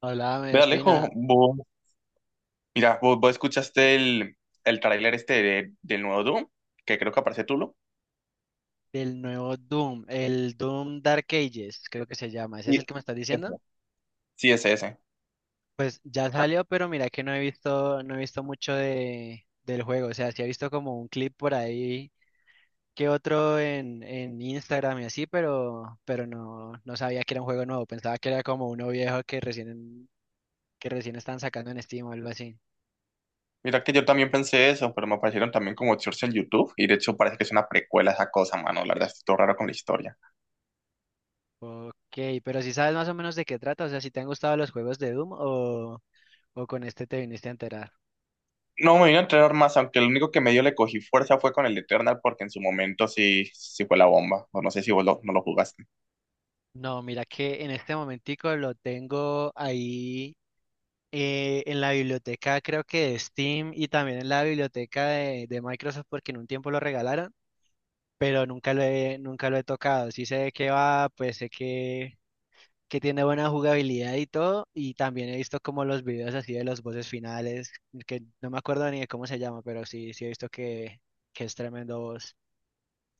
Hablábame, Ve Alejo, Ospina, vos, mira, vos escuchaste el tráiler este del nuevo Doom, que creo que aparece Tulo. del nuevo Doom, el Doom Dark Ages, creo que se llama. ¿Ese es Sí, el que me estás diciendo? ese. Sí, ese. Pues ya salió, pero mira que no he visto, no he visto mucho del juego. O sea, sí he visto como un clip por ahí que otro en Instagram y así, pero, pero no sabía que era un juego nuevo. Pensaba que era como uno viejo que recién están sacando en Steam o algo así. Mira que yo también pensé eso, pero me aparecieron también como shorts en YouTube, y de hecho parece que es una precuela esa cosa, mano, la verdad, estoy todo raro con la historia. Ok, pero si sabes más o menos de qué trata, o sea, si te han gustado los juegos de Doom o con este te viniste a enterar. No me vino a entrenar más, aunque lo único que medio le cogí fuerza fue con el Eternal, porque en su momento sí, sí fue la bomba, o no sé si no lo jugaste. No, mira que en este momentico lo tengo ahí en la biblioteca creo que de Steam y también en la biblioteca de Microsoft porque en un tiempo lo regalaron, pero nunca lo he tocado. Sí sé de qué va, pues sé que tiene buena jugabilidad y todo, y también he visto como los videos así de los voces finales, que no me acuerdo ni de cómo se llama, pero sí, sí he visto que es tremendo voz.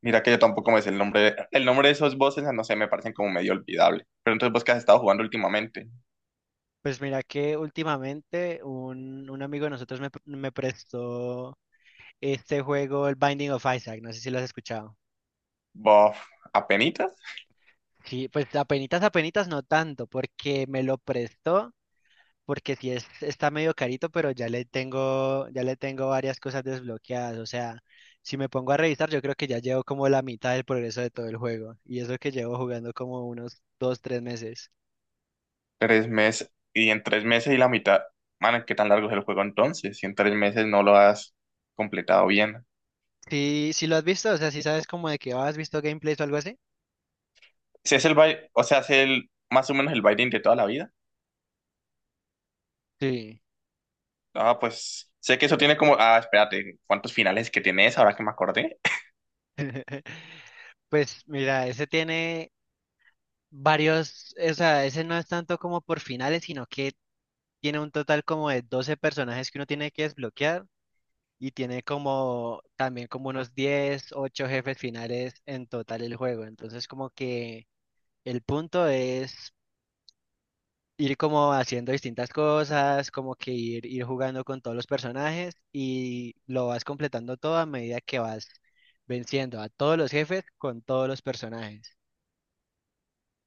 Mira que yo tampoco me sé el nombre, el nombre de esos bosses, no sé, me parecen como medio olvidable. Pero entonces, ¿vos qué has estado jugando últimamente? Pues mira que últimamente un amigo de nosotros me prestó este juego, el Binding of Isaac, no sé si lo has escuchado. Bof, apenitas. Sí, pues apenitas, apenitas no tanto, porque me lo prestó, porque sí es, está medio carito, pero ya le tengo varias cosas desbloqueadas. O sea, si me pongo a revisar, yo creo que ya llevo como la mitad del progreso de todo el juego. Y eso que llevo jugando como unos dos, tres meses. Tres meses, y en tres meses y la mitad, man, ¿qué tan largo es el juego entonces? Si en tres meses no lo has completado bien. Sí, sí lo has visto, o sea, si sabes como de que has visto gameplays o algo así. Si es el baile, o sea, si es el, más o menos el binding de toda la vida. Sí. Ah, pues, sé que eso tiene como, ah, espérate, ¿cuántos finales que tienes ahora que me acordé? Pues mira, ese tiene varios, o sea, ese no es tanto como por finales, sino que tiene un total como de 12 personajes que uno tiene que desbloquear y tiene como también como unos 10, 8 jefes finales en total el juego. Entonces como que el punto es ir como haciendo distintas cosas, como que ir, ir jugando con todos los personajes y lo vas completando todo a medida que vas venciendo a todos los jefes con todos los personajes.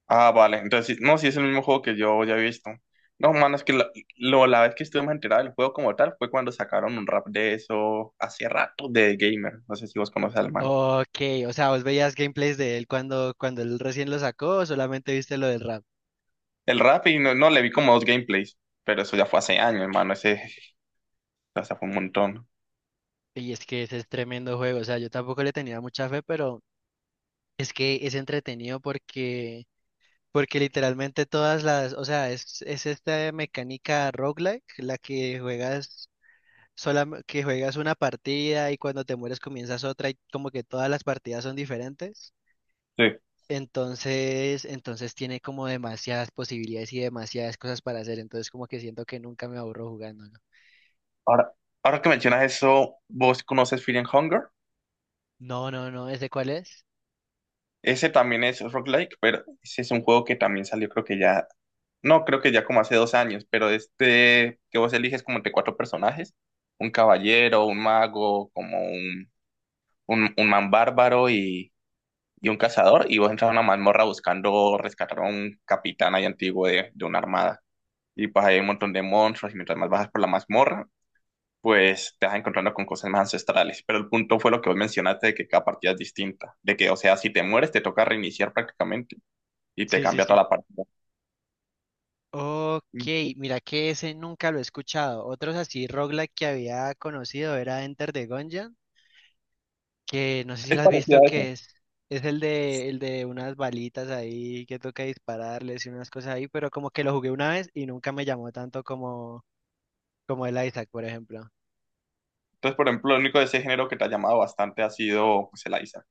Ah, vale, entonces, sí, no, si es el mismo juego que yo ya he visto. No, man, es que la, lo- la vez que estuve más enterado del juego como tal fue cuando sacaron un rap de eso hace rato de Gamer. No sé si vos conoces al man. Ok, o sea, vos veías gameplays de él cuando, cuando él recién lo sacó, o solamente viste lo del rap. El rap y no, no, le vi como dos gameplays, pero eso ya fue hace años, hermano, ese, o sea, fue un montón. Y es que ese es tremendo juego, o sea, yo tampoco le tenía mucha fe, pero es que es entretenido porque, porque literalmente todas las, o sea, es esta mecánica roguelike, la que juegas sola, que juegas una partida y cuando te mueres comienzas otra y como que todas las partidas son diferentes. Sí. Entonces, entonces tiene como demasiadas posibilidades y demasiadas cosas para hacer, entonces como que siento que nunca me aburro jugándolo. Ahora, ahora que mencionas eso, ¿vos conoces Fear and Hunger? No, no, no, ¿ese cuál es? Ese también es rock like, pero ese es un juego que también salió, creo que ya, no, creo que ya como hace dos años, pero este que vos eliges como entre cuatro personajes, un caballero, un mago, como un man bárbaro y un cazador, y vos entras a una mazmorra buscando rescatar a un capitán ahí antiguo de una armada. Y pues hay un montón de monstruos y mientras más bajas por la mazmorra, pues te vas encontrando con cosas más ancestrales. Pero el punto fue lo que vos mencionaste de que cada partida es distinta, de que, o sea, si te mueres te toca reiniciar prácticamente y te Sí, sí, cambia sí. toda la partida. Ok, Mm. mira que ese nunca lo he escuchado. Otros así roguelike que había conocido era Enter the Gungeon, que no sé si Es lo has visto parecido a eso. que es el de unas balitas ahí que toca dispararles y unas cosas ahí, pero como que lo jugué una vez y nunca me llamó tanto como el Isaac, por ejemplo. Entonces, por ejemplo, lo único de ese género que te ha llamado bastante ha sido pues, el Isaac.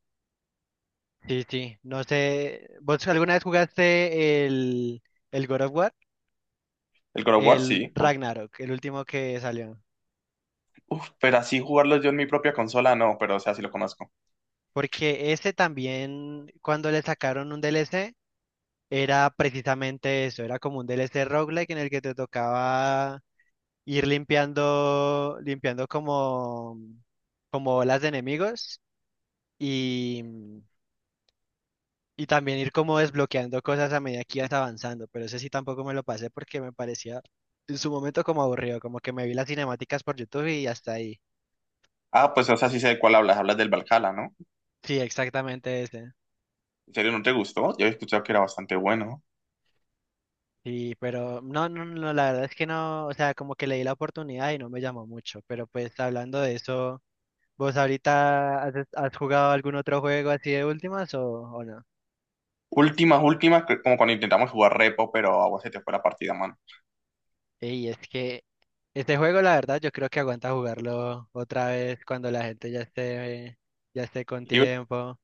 Sí, sí, no sé, ¿vos alguna vez jugaste el God of War? El God of War, El sí. O- Ragnarok, el último que salió. uf, pero así jugarlo yo en mi propia consola, no, pero o sea, sí lo conozco. Porque ese también, cuando le sacaron un DLC, era precisamente eso, era como un DLC roguelike en el que te tocaba ir limpiando, limpiando como, como olas de enemigos y, Y también ir como desbloqueando cosas a medida que ibas avanzando, pero ese sí tampoco me lo pasé porque me parecía en su momento como aburrido, como que me vi las cinemáticas por YouTube y hasta ahí. Ah, pues o sea, sí sé de cuál hablas, hablas del Valhalla, ¿no? Sí, exactamente ese. ¿En serio no te gustó? Yo he escuchado que era bastante bueno. Sí, pero no, no, no, la verdad es que no, o sea, como que le di la oportunidad y no me llamó mucho, pero pues hablando de eso, ¿vos ahorita has, has jugado algún otro juego así de últimas o no? Últimas, últimas, que como cuando intentamos jugar repo, pero a vos se te fue la partida, mano. Y es que este juego la verdad yo creo que aguanta jugarlo otra vez cuando la gente ya esté con Libre. tiempo.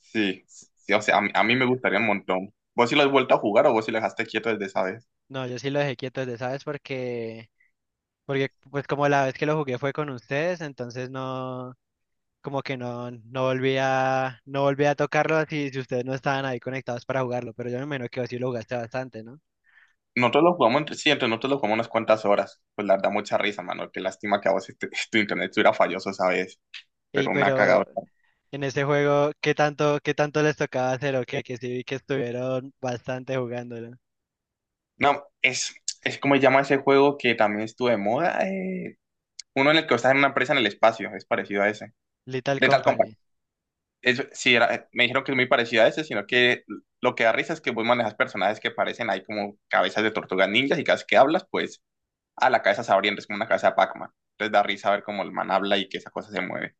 Sí, sí, o sea, a mí me gustaría un montón. ¿Vos sí lo has vuelto a jugar o vos sí lo dejaste quieto desde esa vez? No, yo sí lo dejé quieto desde, ¿sabes? Porque, porque pues como la vez que lo jugué fue con ustedes, entonces no, como que no, no volví a tocarlo si, si ustedes no estaban ahí conectados para jugarlo, pero yo me imagino que vos sí lo jugaste bastante, ¿no? Nosotros lo jugamos entre, sí, entre nosotros lo jugamos unas cuantas horas. Pues la da mucha risa, mano. Qué lástima que a vos este- tu internet estuviera falloso esa vez, Y pero una pero cagadora. en ese juego, qué tanto les tocaba hacer o qué? Que sí vi que estuvieron bastante jugándolo. No, es como se llama ese juego que también estuvo de moda. Uno en el que estás en una empresa en el espacio, es parecido a ese. Little De tal Company. es, sí, era, me dijeron que es muy parecido a ese, sino que lo que da risa es que vos manejas personajes que parecen ahí como cabezas de tortugas ninjas y cada vez que hablas, pues a la cabeza se abriendo, es como una cabeza de Pac-Man. Entonces da risa ver cómo el man habla y que esa cosa se mueve.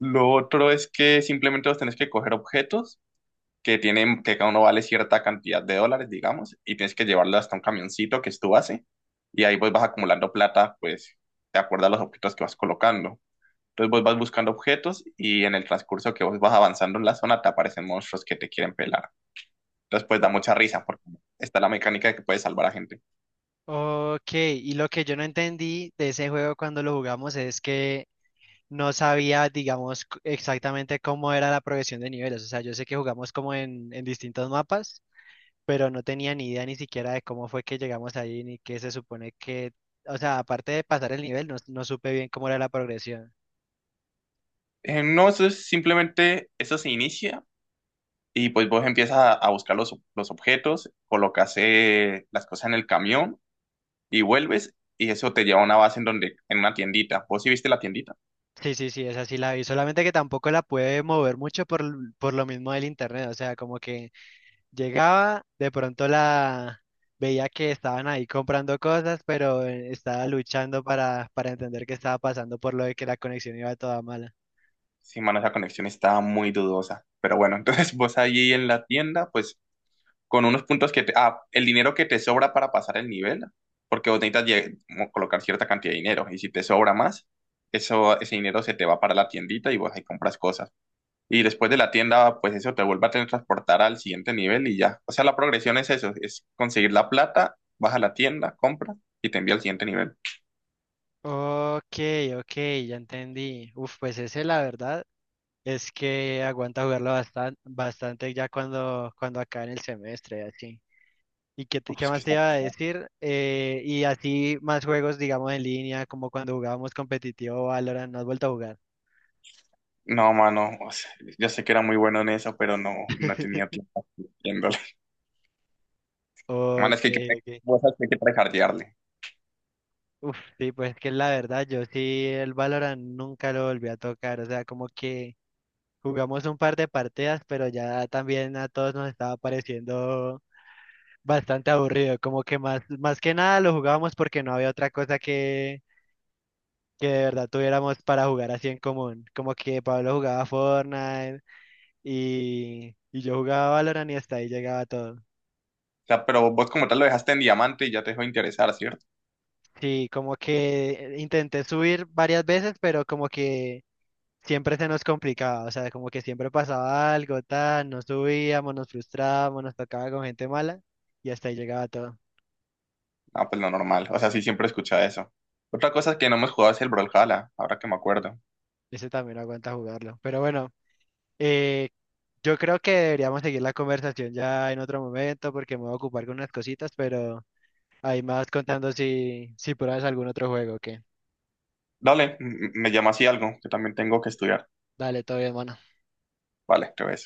Lo otro es que simplemente vos tenés que coger objetos que tienen, que cada uno vale cierta cantidad de dólares, digamos, y tienes que llevarlo hasta un camioncito que es tu base, y ahí pues vas acumulando plata, pues, de acuerdo a los objetos que vas colocando. Entonces vos vas buscando objetos y en el transcurso que vos vas avanzando en la zona te aparecen monstruos que te quieren pelar. Entonces pues da O- mucha risa porque está la mecánica de que puedes salvar a gente. ok, y lo que yo no entendí de ese juego cuando lo jugamos es que no sabía, digamos, c- exactamente cómo era la progresión de niveles. O sea, yo sé que jugamos como en distintos mapas, pero no tenía ni idea ni siquiera de cómo fue que llegamos ahí, ni qué se supone que, o sea, aparte de pasar el nivel, no, no supe bien cómo era la progresión. No, eso es simplemente, eso se inicia y pues vos empiezas a buscar los objetos, colocas las cosas en el camión y vuelves y eso te lleva a una base en donde, en una tiendita. ¿Vos sí viste la tiendita? Sí, sí, sí, esa sí la vi, solamente que tampoco la pude mover mucho por, l- por lo mismo del internet, o sea, como que llegaba, de pronto la veía que estaban ahí comprando cosas, pero estaba luchando para entender qué estaba pasando por lo de que la conexión iba toda mala. Sí, mano, esa conexión está muy dudosa. Pero bueno, entonces vos allí en la tienda, pues con unos puntos que te, ah, el dinero que te sobra para pasar el nivel, porque vos necesitas colocar cierta cantidad de dinero y si te sobra más, eso, ese dinero se te va para la tiendita y vos ahí compras cosas. Y después de la tienda, pues eso te vuelve a transportar al siguiente nivel y ya. O sea, la progresión es eso, es conseguir la plata, vas a la tienda, compras y te envía al siguiente nivel. Ok, ok, ya entendí. Uf, pues ese la verdad es que aguanta jugarlo bastante, bastante ya cuando, cuando acabe el semestre, así. ¿Y qué, te- Uf, qué es más que te está iba a pesado. decir? Y así más juegos, digamos, en línea, como cuando jugábamos competitivo Valorant, ¿no has vuelto a jugar? No, mano, o sea, yo sé que era muy bueno en eso, pero no, no tenía tiempo haciéndolo. Mano, es Ok, que hay que, ok. vos sabés que hay que tryhardearle. Uf, sí, pues que la verdad, yo sí el Valorant nunca lo volví a tocar, o sea, como que jugamos un par de partidas, pero ya también a todos nos estaba pareciendo bastante aburrido, como que más, más que nada lo jugábamos porque no había otra cosa que de verdad tuviéramos para jugar así en común. Como que Pablo jugaba Fortnite y yo jugaba Valorant y hasta ahí llegaba todo. O sea, pero vos como tal lo dejaste en diamante y ya te dejó de interesar, ¿cierto? Sí, como que intenté subir varias veces, pero como que siempre se nos complicaba, o sea, como que siempre pasaba algo, tal, no subíamos, nos frustrábamos, nos tocaba con gente mala y hasta ahí llegaba todo. Ah, pues lo normal. O sea, sí, siempre escuchaba eso. Otra cosa que no hemos jugado es el Brawlhalla, ahora que me acuerdo. Ese también no aguanta jugarlo. Pero bueno, eh, yo creo que deberíamos seguir la conversación ya en otro momento porque me voy a ocupar con unas cositas, pero ahí me vas contando si, si pruebas algún otro juego, que Dale, me llama así algo, que también tengo que estudiar. Dale, todo bien, mano. Vale, te ves.